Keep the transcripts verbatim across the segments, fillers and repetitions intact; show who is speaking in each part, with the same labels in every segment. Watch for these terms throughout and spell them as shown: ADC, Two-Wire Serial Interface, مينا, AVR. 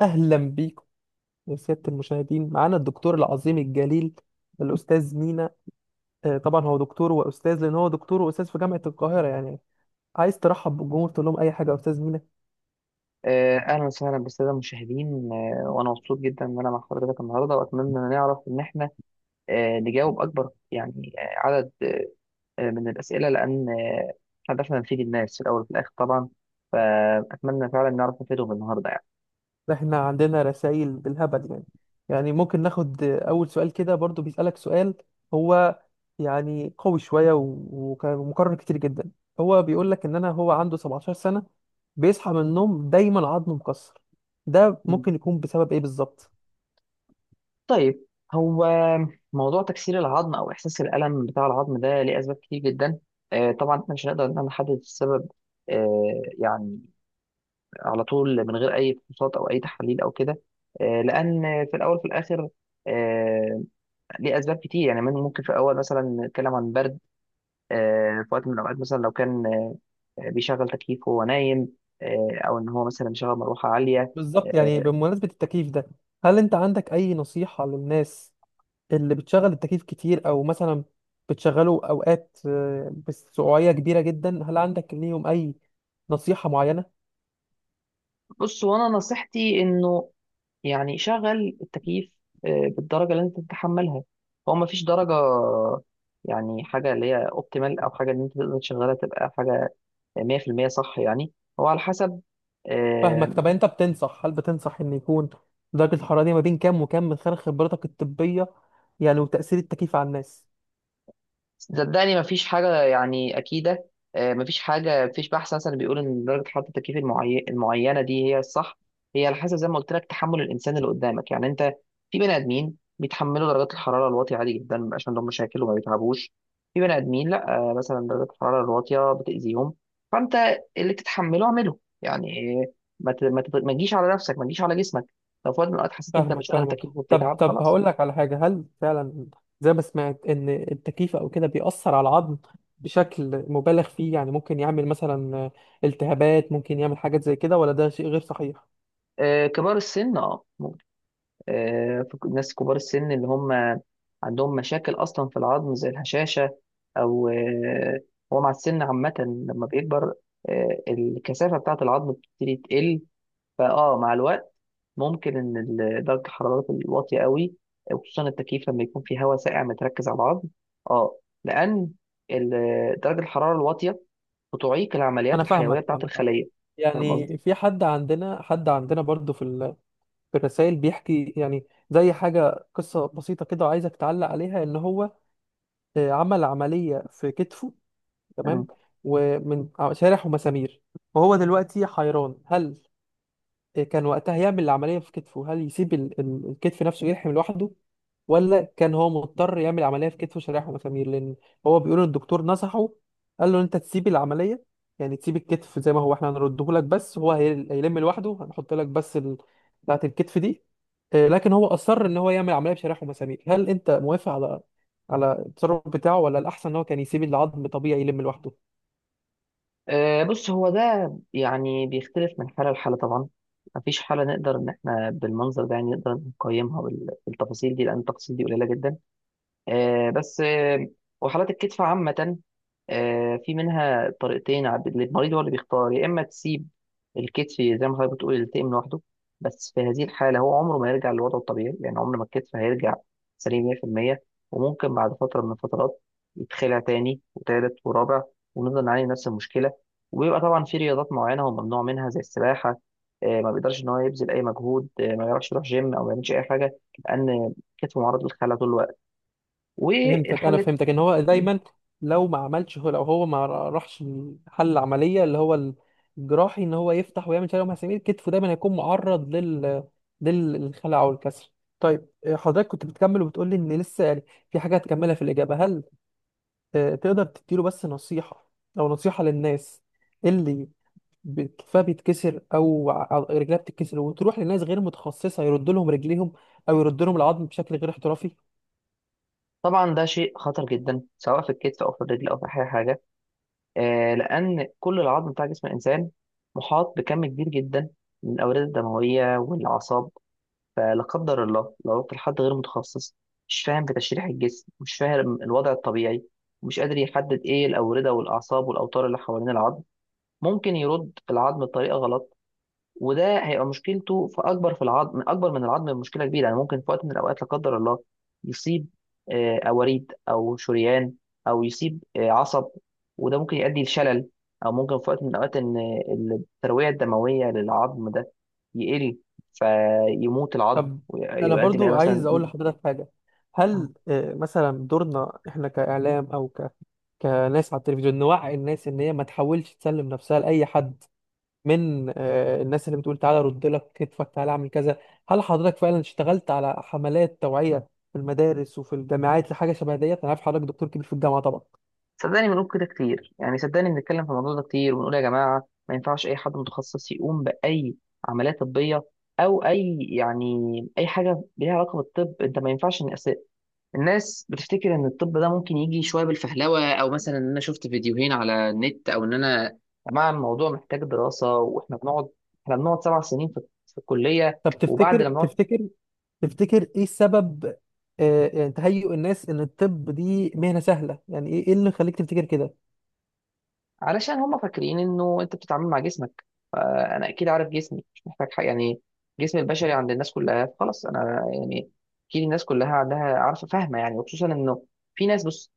Speaker 1: اهلا بيكم يا سياده المشاهدين، معانا الدكتور العظيم الجليل الاستاذ مينا. آه، طبعا هو دكتور واستاذ لان هو دكتور واستاذ في جامعه القاهره يعني. عايز ترحب بالجمهور، تقول لهم اي حاجه يا استاذ مينا؟
Speaker 2: آه، أهلا وسهلا بالسادة المشاهدين، آه، وأنا مبسوط جدا إن أنا مع حضرتك النهاردة، وأتمنى إن نعرف إن إحنا آه، نجاوب أكبر، يعني آه، عدد آه، من الأسئلة، لأن آه، هدفنا نفيد الناس في الأول وفي الآخر طبعا. فأتمنى فعلا نعرف نفيدهم النهاردة يعني.
Speaker 1: ده احنا عندنا رسائل بالهبل يعني. يعني ممكن ناخد آه، اول سؤال كده؟ برضو بيسالك سؤال، هو يعني قوي شويه و- وك- ومكرر كتير جدا. هو بيقول لك ان انا هو عنده سبعة عشر سنه، بيصحى من النوم دايما عضمه مكسر، ده
Speaker 2: مم.
Speaker 1: ممكن يكون بسبب ايه بالظبط؟
Speaker 2: طيب، هو موضوع تكسير العظم أو إحساس الألم بتاع العظم ده ليه أسباب كتير جدا. آه، طبعا إحنا مش هنقدر إن إحنا نحدد السبب آه، يعني على طول من غير اي فحوصات او اي تحاليل او كده. آه، لان في الاول في الاخر آه، ليه اسباب كتير يعني من- ممكن في الاول مثلا نتكلم عن برد. آه، في وقت من الاوقات مثلا لو كان آه، بيشغل تكييف وهو نايم، آه، او ان هو مثلا مشغل مروحه عاليه.
Speaker 1: بالظبط. يعني
Speaker 2: آه،
Speaker 1: بمناسبة التكييف ده، هل انت عندك اي نصيحة للناس اللي بتشغل التكييف كتير، او مثلا بتشغله اوقات آه، بسعوعية كبيرة جدا؟ هل عندك ليهم اي نصيحة معينة؟
Speaker 2: بص وانا نصيحتي انه يعني شغل التكييف آه، بالدرجه اللي انت تتحملها. هو ما فيش درجه يعني، حاجه اللي هي اوبتيمال او حاجه ان انت تقدر تشغلها تبقى حاجه مية في المية صح يعني. هو على حسب. آه،
Speaker 1: فاهمك. طب انت بتنصح، هل بتنصح ان يكون درجة الحرارة دي ما بين كام وكام، من خلال خبرتك الطبية يعني، وتأثير التكييف على الناس؟
Speaker 2: صدقني مفيش حاجة يعني أكيدة. آه، مفيش حاجة، مفيش بحث مثلا بيقول إن درجة حرارة التكييف المعي- المعينة دي هي الصح. هي على حسب زي ما قلت لك تحمل الإنسان اللي قدامك. يعني أنت، في بني آدمين بيتحملوا درجات الحرارة الواطية عادي جدا، مبيبقاش عندهم مشاكل وما بيتعبوش. في بني آدمين لأ، آه، مثلا درجات الحرارة الواطية بتأذيهم. فأنت اللي تتحمله اعمله يعني. آه، ما ت- ما ت- ما تجيش على نفسك، ما تجيش على جسمك. لو في وقت من الأوقات حسيت إن أنت
Speaker 1: فاهمك
Speaker 2: بتشغل
Speaker 1: فاهمك
Speaker 2: التكييف
Speaker 1: طب
Speaker 2: وبتتعب،
Speaker 1: طب
Speaker 2: خلاص.
Speaker 1: هقول لك على حاجة. هل فعلا زي ما سمعت ان التكييف او كده بيأثر على العظم بشكل مبالغ فيه؟ يعني ممكن يعمل مثلا التهابات، ممكن يعمل حاجات زي كده، ولا ده شيء غير صحيح؟
Speaker 2: آه، كبار السن اه ممكن. آه، في ناس كبار السن اللي هم عندهم مشاكل اصلا في العظم زي الهشاشه، او آه، هو مع السن عامه لما بيكبر آه، الكثافه بتاعه العظم بتبتدي تقل. فاه مع الوقت ممكن ان ال- درجه الحراره الواطيه قوي، وخصوصا التكييف لما يكون في هواء ساقع متركز على العظم. اه، لان ال- درجه الحراره الواطيه بتعيق
Speaker 1: انا
Speaker 2: العمليات الحيويه
Speaker 1: فاهمك
Speaker 2: بتاعه
Speaker 1: فاهمك عمد.
Speaker 2: الخليه. فاهم
Speaker 1: يعني
Speaker 2: قصدي؟
Speaker 1: في حد عندنا، حد عندنا برضو في ال... في الرسائل بيحكي يعني زي حاجة، قصة بسيطة كده وعايزك تعلق عليها. ان هو آه، عمل عملية في كتفه، تمام، ومن ع- شارح ومسامير، وهو دلوقتي حيران. هل كان وقتها يعمل العملية في كتفه؟ هل يسيب ال- ال- الكتف نفسه يلحم لوحده، ولا كان هو مضطر يعمل عملية في كتفه شرايح ومسامير؟ لأن هو بيقول إن الدكتور نصحه، قال له إن أنت تسيب العملية، يعني تسيب الكتف زي ما هو، إحنا هنرده لك بس، هو هي- هيلم لوحده، هنحط لك بس ال... بتاعة الكتف دي، آه، لكن هو أصر إن هو يعمل عملية بشرايح ومسامير. هل أنت موافق على على التصرف بتاعه، ولا الأحسن إن هو كان يسيب العظم طبيعي يلم لوحده؟
Speaker 2: آه، بص هو ده يعني بيختلف من حالة لحالة طبعا. مفيش حالة نقدر إن إحنا بالمنظر ده يعني نقدر نقيمها بال- بالتفاصيل دي، لأن التفاصيل دي قليلة جدا. آه، بس آه، وحالات الكتف عامة آه، في منها طريقتين. عب- المريض هو اللي بيختار، يا إما تسيب الكتف زي ما حضرتك بتقول يلتئم لوحده. بس في هذه الحالة هو عمره ما يرجع لوضعه الطبيعي، يعني عمر ما الكتف هيرجع سليم مية في المية، وممكن بعد فترة من الفترات يتخلع تاني وتالت ورابع، ونفضل نعاني من نفس المشكلة. وبيبقى طبعا في رياضات معينة هو ممنوع منها زي السباحة. آه، ما بيقدرش إن هو يبذل أي مجهود، آه، ما يعرفش يروح جيم أو ما يعملش أي حاجة، لأن كتفه معرض للخلع طول الوقت.
Speaker 1: فهمتك انا
Speaker 2: والحل،
Speaker 1: فهمتك ان هو دايما، لو ما عملش هو لو هو ما راحش حل العمليه اللي هو الجراحي، ان هو يفتح ويعمل شلل مسامير كتفه، دايما هيكون معرض لل للخلع او الكسر. طيب، آه، حضرتك كنت بتكمل وبتقول لي ان لسه يعني في حاجه هتكملها في الاجابه. هل آه، تقدر تديله بس نصيحه، او نصيحه للناس اللي ب- كتفها بيتكسر، او ع- أو رجلها بتتكسر، وتروح لناس غير متخصصه يرد لهم رجليهم، او يرد لهم العظم بشكل غير احترافي؟
Speaker 2: طبعا ده شيء خطر جدا سواء في الكتف او في الرجل او في اي حاجه. آه لان كل العظم بتاع جسم الانسان محاط بكم كبير جدا من الاوردة الدمويه والاعصاب. فلا قدر الله لو رحت لحد غير متخصص، مش فاهم في تشريح الجسم، مش فاهم الوضع الطبيعي، مش قادر يحدد ايه الاورده والاعصاب والاوتار اللي حوالين العظم، ممكن يرد العظم بطريقه غلط، وده هيبقى مشكلته في اكبر في العظم اكبر من العظم بمشكله كبيره يعني. ممكن في وقت من الاوقات لا قدر الله يصيب آه، اوريد او شريان، او يصيب آه، عصب، وده ممكن يؤدي لشلل. او ممكن في وقت من الاوقات ان آه، الترويه الدمويه للعظم ده يقل، فيموت العظم
Speaker 1: طب انا
Speaker 2: ويؤدي لإيه
Speaker 1: برضو
Speaker 2: مثلا.
Speaker 1: عايز اقول لحضرتك حاجه. هل آه، مثلا دورنا احنا كاعلام او ك... كناس على التلفزيون، نوعي الناس ان هي ما تحاولش تسلم نفسها لاي حد من آه، الناس اللي بتقول تعالى رد لك كتفك، تعالى اعمل كذا؟ هل حضرتك فعلا اشتغلت على حملات توعيه في المدارس وفي الجامعات لحاجه شبه ديت؟ انا عارف حضرتك دكتور كبير في الجامعه طبعا.
Speaker 2: صدقني بنقول كده كتير يعني، صدقني بنتكلم في الموضوع ده كتير وبنقول يا جماعة، ما ينفعش أي حد متخصص يقوم بأي عملية طبية، أو أي يعني أي حاجة ليها علاقة بالطب. أنت ما ينفعش إن أس- الناس بتفتكر إن الطب ده ممكن يجي شوية بالفهلوة، أو مثلا إن أنا شفت فيديوهين على النت، أو إن أنا، يا جماعة الموضوع محتاج دراسة. وإحنا بنقعد، إحنا بنقعد سبع سنين في في الكلية،
Speaker 1: طب
Speaker 2: وبعد
Speaker 1: تفتكر
Speaker 2: لما نقعد
Speaker 1: تفتكر تفتكر ايه السبب؟ آه، يعني تهيؤ الناس ان الطب دي مهنه سهله، يعني ايه إيه اللي خليك تفتكر كده؟
Speaker 2: علشان هم فاكرين إنه أنت بتتعامل مع جسمك. انا اكيد عارف جسمي، مش محتاج حاجه يعني. جسم البشري عند الناس كلها خلاص، انا يعني اكيد الناس كلها عندها عارفه فاهمه يعني، وخصوصا انه في ناس. بص،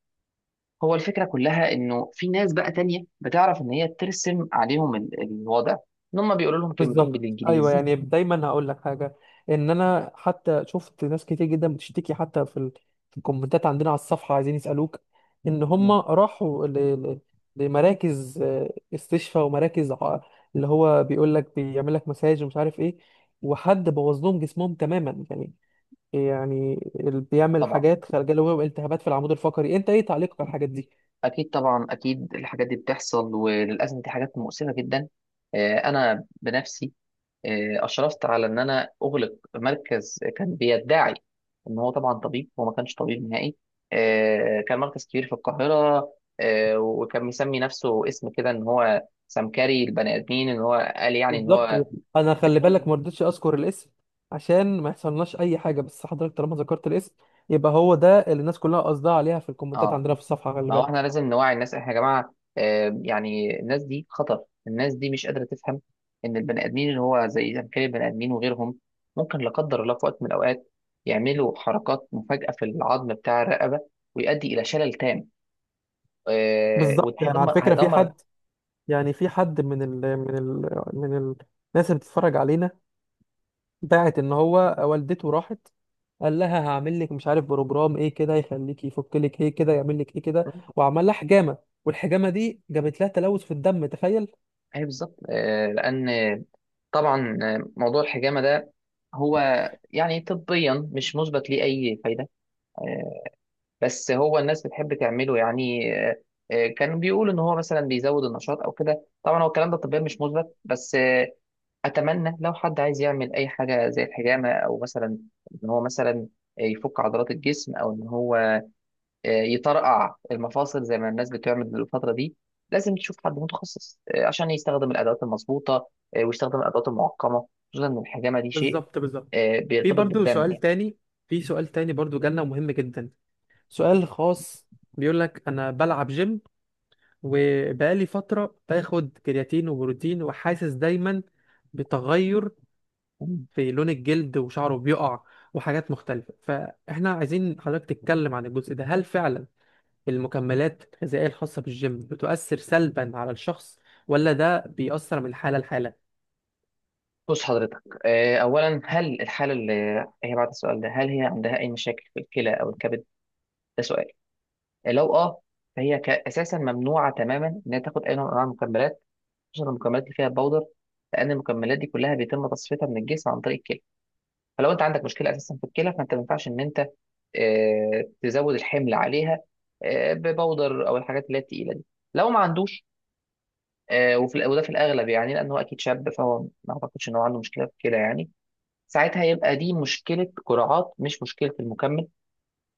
Speaker 2: هو الفكره كلها انه في ناس بقى تانية بتعرف ان هي ترسم عليهم ال- الوضع، ان هم بيقولوا لهم كلمتين
Speaker 1: بالظبط، ايوه.
Speaker 2: بالانجليزي.
Speaker 1: يعني دايما هقول لك حاجه، ان انا حتى شفت ناس كتير جدا بتشتكي، حتى في ال- في الكومنتات عندنا على الصفحه، عايزين يسالوك ان هم
Speaker 2: مم.
Speaker 1: راحوا ل... ل... لمراكز آه، استشفاء، ومراكز ع- اللي هو بيقول لك بيعمل لك مساج ومش عارف ايه، وحد بوظ لهم جسمهم تماما يعني. يعني اللي بيعمل
Speaker 2: طبعا
Speaker 1: حاجات خارجه له التهابات في العمود الفقري، انت ايه تعليقك على الحاجات دي؟
Speaker 2: اكيد، طبعا اكيد الحاجات دي بتحصل، وللاسف دي حاجات مؤسفه جدا. آه، انا بنفسي آه، اشرفت على ان انا اغلق مركز كان بيدعي ان هو طبعا طبيب. هو ما كانش طبيب نهائي. آه، كان مركز كبير في القاهره، آه، وكان مسمي نفسه اسم كده، ان هو سمكري البني ادمين، ان هو قال يعني ان
Speaker 1: بالظبط.
Speaker 2: هو
Speaker 1: انا خلي
Speaker 2: بياخد.
Speaker 1: بالك ما رضيتش اذكر الاسم عشان ما يحصلناش اي حاجه، بس حضرتك طالما ذكرت الاسم، يبقى هو ده اللي الناس كلها قصدها عليها في الكومنتات
Speaker 2: اه،
Speaker 1: عندنا في الصفحه، خلي
Speaker 2: ما هو
Speaker 1: بالك.
Speaker 2: احنا لازم نوعي الناس. احنا يا جماعه آه، يعني الناس دي خطر، الناس دي مش قادره تفهم ان البني ادمين اللي هو زي زمكري البني ادمين وغيرهم ممكن لا قدر الله في وقت من الاوقات يعملوا حركات مفاجئه في العظم بتاع الرقبه، ويؤدي الى شلل تام. آه،
Speaker 1: بالظبط.
Speaker 2: وده
Speaker 1: يعني على
Speaker 2: هيدمر
Speaker 1: فكره، في
Speaker 2: هيدمر
Speaker 1: حد يعني في حد من ال من ال من ال- الناس اللي بتتفرج علينا، باعت ان هو والدته راحت، قال لها هعمل لك مش عارف بروجرام ايه كده، يخليك يفك لك ايه كده، يعمل لك ايه كده، وعمل لها حجامه، والحجامه دي جابت لها تلوث في الدم، تخيل.
Speaker 2: اي بالظبط. آه، لان طبعا آه، موضوع الحجامه ده، هو يعني طبيا مش مثبت ليه اي فايده. آه، بس هو الناس بتحب تعمله يعني. آه، آه، كانوا بيقولوا ان هو مثلا بيزود النشاط او كده، طبعا هو الكلام ده طبيا مش مثبت. بس آه، اتمنى لو حد عايز يعمل اي حاجه زي الحجامه، او مثلا ان هو مثلا يفك عضلات الجسم، او ان هو آه، يطرقع المفاصل زي ما الناس بتعمل الفتره دي، لازم تشوف حد متخصص آه، عشان يستخدم الادوات المظبوطه، آه، ويستخدم الادوات المعقمه، خصوصا ان الحجامه دي شيء
Speaker 1: بالظبط، بالظبط.
Speaker 2: آه،
Speaker 1: في
Speaker 2: بيرتبط
Speaker 1: برضو
Speaker 2: بالدم
Speaker 1: سؤال تاني في سؤال تاني برضو جالنا مهم جدا، سؤال خاص. بيقول لك انا بلعب جيم، وبقالي فترة باخد كرياتين وبروتين، وحاسس دايما بتغير
Speaker 2: يعني.
Speaker 1: في لون الجلد وشعره بيقع وحاجات مختلفة. فاحنا عايزين حضرتك تتكلم عن الجزء ده. هل فعلا المكملات الغذائية الخاصة بالجيم بتؤثر سلبا على الشخص، ولا ده بيأثر من حالة لحالة؟
Speaker 2: بص حضرتك، آه، أولا هل الحالة اللي هي بعد السؤال ده، هل هي عندها أي مشاكل في الكلى أو الكبد؟ ده سؤال. آه، لو أه فهي ك- أساسا ممنوعة تماما إنها تاخد أي نوع من أنواع المكملات، خصوصا المكملات اللي فيها باودر، لأن المكملات دي كلها بيتم تصفيتها من الجسم عن طريق الكلى. فلو أنت عندك مشكلة أساسا في الكلى، فأنت ما ينفعش إن أنت آه، تزود الحمل عليها آه، بباودر أو الحاجات اللي هي التقيلة دي. لو ما عندوش آه، وفي وده في الأغلب يعني، لأن هو أكيد شاب، فهو ما أعتقدش إن هو عنده مشكلة في الكلى يعني. ساعتها يبقى دي مشكلة قراءات مش مشكلة المكمل.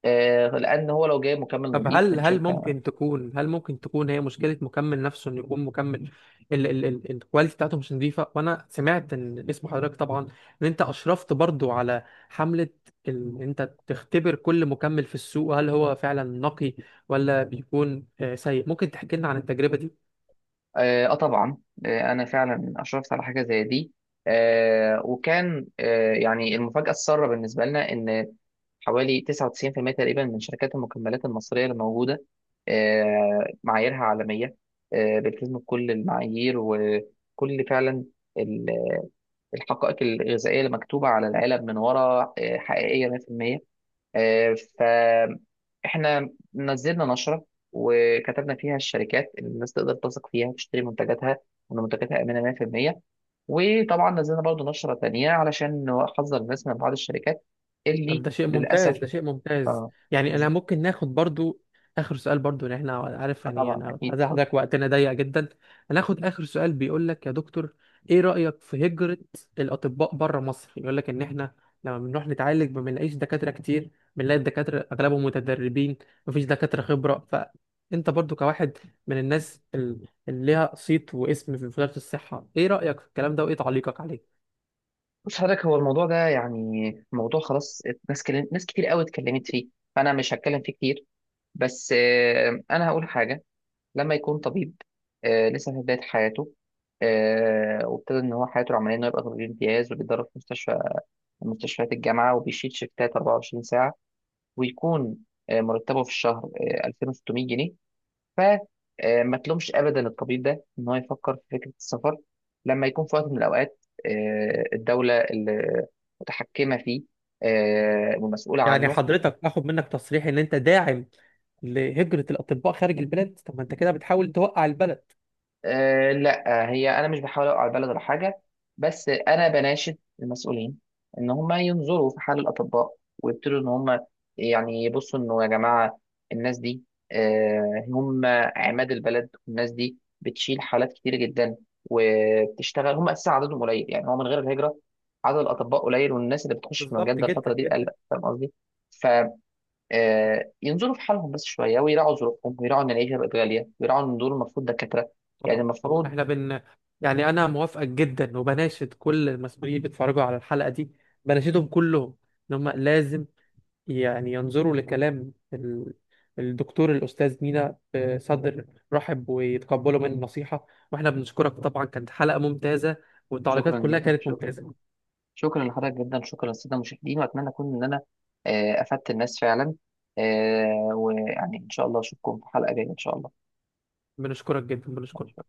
Speaker 2: آه لأن هو لو جايب مكمل
Speaker 1: طب،
Speaker 2: نظيف
Speaker 1: هل
Speaker 2: من
Speaker 1: هل
Speaker 2: شركة.
Speaker 1: ممكن تكون هل ممكن تكون هي مشكله مكمل نفسه، انه يكون مكمل ال ال ال الكواليتي بتاعته مش نظيفه؟ وانا سمعت ان اسم حضرتك طبعا، ان انت اشرفت برضو على حمله، ان انت تختبر كل مكمل في السوق هل هو فعلا نقي ولا بيكون آه، سيء. ممكن تحكي لنا عن التجربه دي؟
Speaker 2: آه, آه طبعا، آه أنا فعلا أشرفت على حاجة زي دي. آه وكان آه يعني المفاجأة السارة بالنسبة لنا، إن حوالي تسعة وتسعين في المية تقريبا من شركات المكملات المصرية اللي موجودة آه معاييرها عالمية، آه بتلتزم بكل المعايير، وكل فعلا ال- الحقائق الغذائية اللي مكتوبة على العلب من ورا آه حقيقية مية في المية. فاحنا نزلنا نشرة وكتبنا فيها الشركات اللي الناس تقدر تثق فيها تشتري منتجاتها، وان منتجاتها امنه مية في المية. وطبعا نزلنا برضو نشرة تانية علشان نحذر الناس من بعض الشركات
Speaker 1: طب
Speaker 2: اللي
Speaker 1: ده شيء
Speaker 2: للأسف.
Speaker 1: ممتاز، ده شيء ممتاز.
Speaker 2: اه
Speaker 1: يعني انا
Speaker 2: بز-
Speaker 1: ممكن ناخد برضو اخر سؤال برضو، لان احنا عارف
Speaker 2: آه
Speaker 1: يعني
Speaker 2: طبعا
Speaker 1: انا
Speaker 2: أكيد،
Speaker 1: عايز
Speaker 2: اتفضل.
Speaker 1: حضرتك، وقتنا ضيق جدا. هناخد اخر سؤال. بيقول لك يا دكتور، ايه رأيك في هجرة الاطباء بره مصر؟ يقول لك ان احنا لما بنروح نتعالج ما بنلاقيش دكاترة كتير، بنلاقي الدكاترة اغلبهم متدربين، مفيش دكاترة خبرة. فانت برضو كواحد من الناس ال- اللي ليها صيت واسم في وزارة الصحة، ايه رأيك في الكلام ده وايه تعليقك عليه؟
Speaker 2: بص حضرتك، هو الموضوع ده يعني موضوع خلاص، ناس كلم... ناس كتير قوي اتكلمت فيه، فأنا مش هتكلم فيه كتير. بس آه أنا هقول حاجة. لما يكون طبيب آه، لسه في بداية حياته، آه، وابتدى إن هو حياته العملية إنه يبقى طبيب امتياز، وبيتدرب في مستشفى من مستشفيات الجامعة، وبيشيل شيفتات 24 ساعة، ويكون آه، مرتبه في الشهر آه، ألفين وستمائة جنيه. ف آه، ما تلومش أبدا الطبيب ده إن هو يفكر في فكرة السفر، لما يكون في وقت من الأوقات آه، الدولة اللي متحكمة فيه آه، ومسؤولة
Speaker 1: يعني
Speaker 2: عنه.
Speaker 1: حضرتك اخد منك تصريح ان انت داعم لهجرة الاطباء خارج البلاد؟ طب ما انت كده بتحاول توقع البلد.
Speaker 2: أه لا، هي انا مش بحاول اوقع البلد ولا حاجه، بس انا بناشد المسؤولين ان هم ينظروا في حال الاطباء، ويبتدوا ان هم يعني يبصوا انه يا جماعه الناس دي أه هم عماد البلد، والناس دي بتشيل حالات كتير جدا وبتشتغل. هم اساسا عددهم قليل، يعني هو من غير الهجره عدد الاطباء قليل، والناس اللي بتخش في المجال
Speaker 1: بالظبط
Speaker 2: ده
Speaker 1: جدا
Speaker 2: الفتره دي قل.
Speaker 1: جدا.
Speaker 2: فاهم قصدي؟ آه، ينظروا في حالهم بس شويه، ويراعوا ظروفهم، ويراعوا ان العيشه بقت غاليه، ويراعوا ان دول المفروض دكاتره، يعني
Speaker 1: طبعا، طبعا،
Speaker 2: المفروض.
Speaker 1: احنا بن يعني انا موافقك جدا، وبناشد كل المسؤولين اللي بيتفرجوا على الحلقة دي، بناشدهم كلهم ان هم لازم يعني ينظروا لكلام ال... الدكتور الاستاذ مينا بصدر رحب، ويتقبلوا من النصيحة. واحنا بنشكرك طبعا، كانت حلقة ممتازة والتعليقات
Speaker 2: شكرا
Speaker 1: كلها
Speaker 2: جدا،
Speaker 1: كانت
Speaker 2: شكرا،
Speaker 1: ممتازة.
Speaker 2: شكرا لحضرتك جدا، شكرا للساده المشاهدين، واتمنى اكون ان انا آه، افدت الناس فعلا، آه، ويعني ان شاء الله اشوفكم في حلقه جايه ان شاء الله.
Speaker 1: بنشكرك جدا، بنشكرك.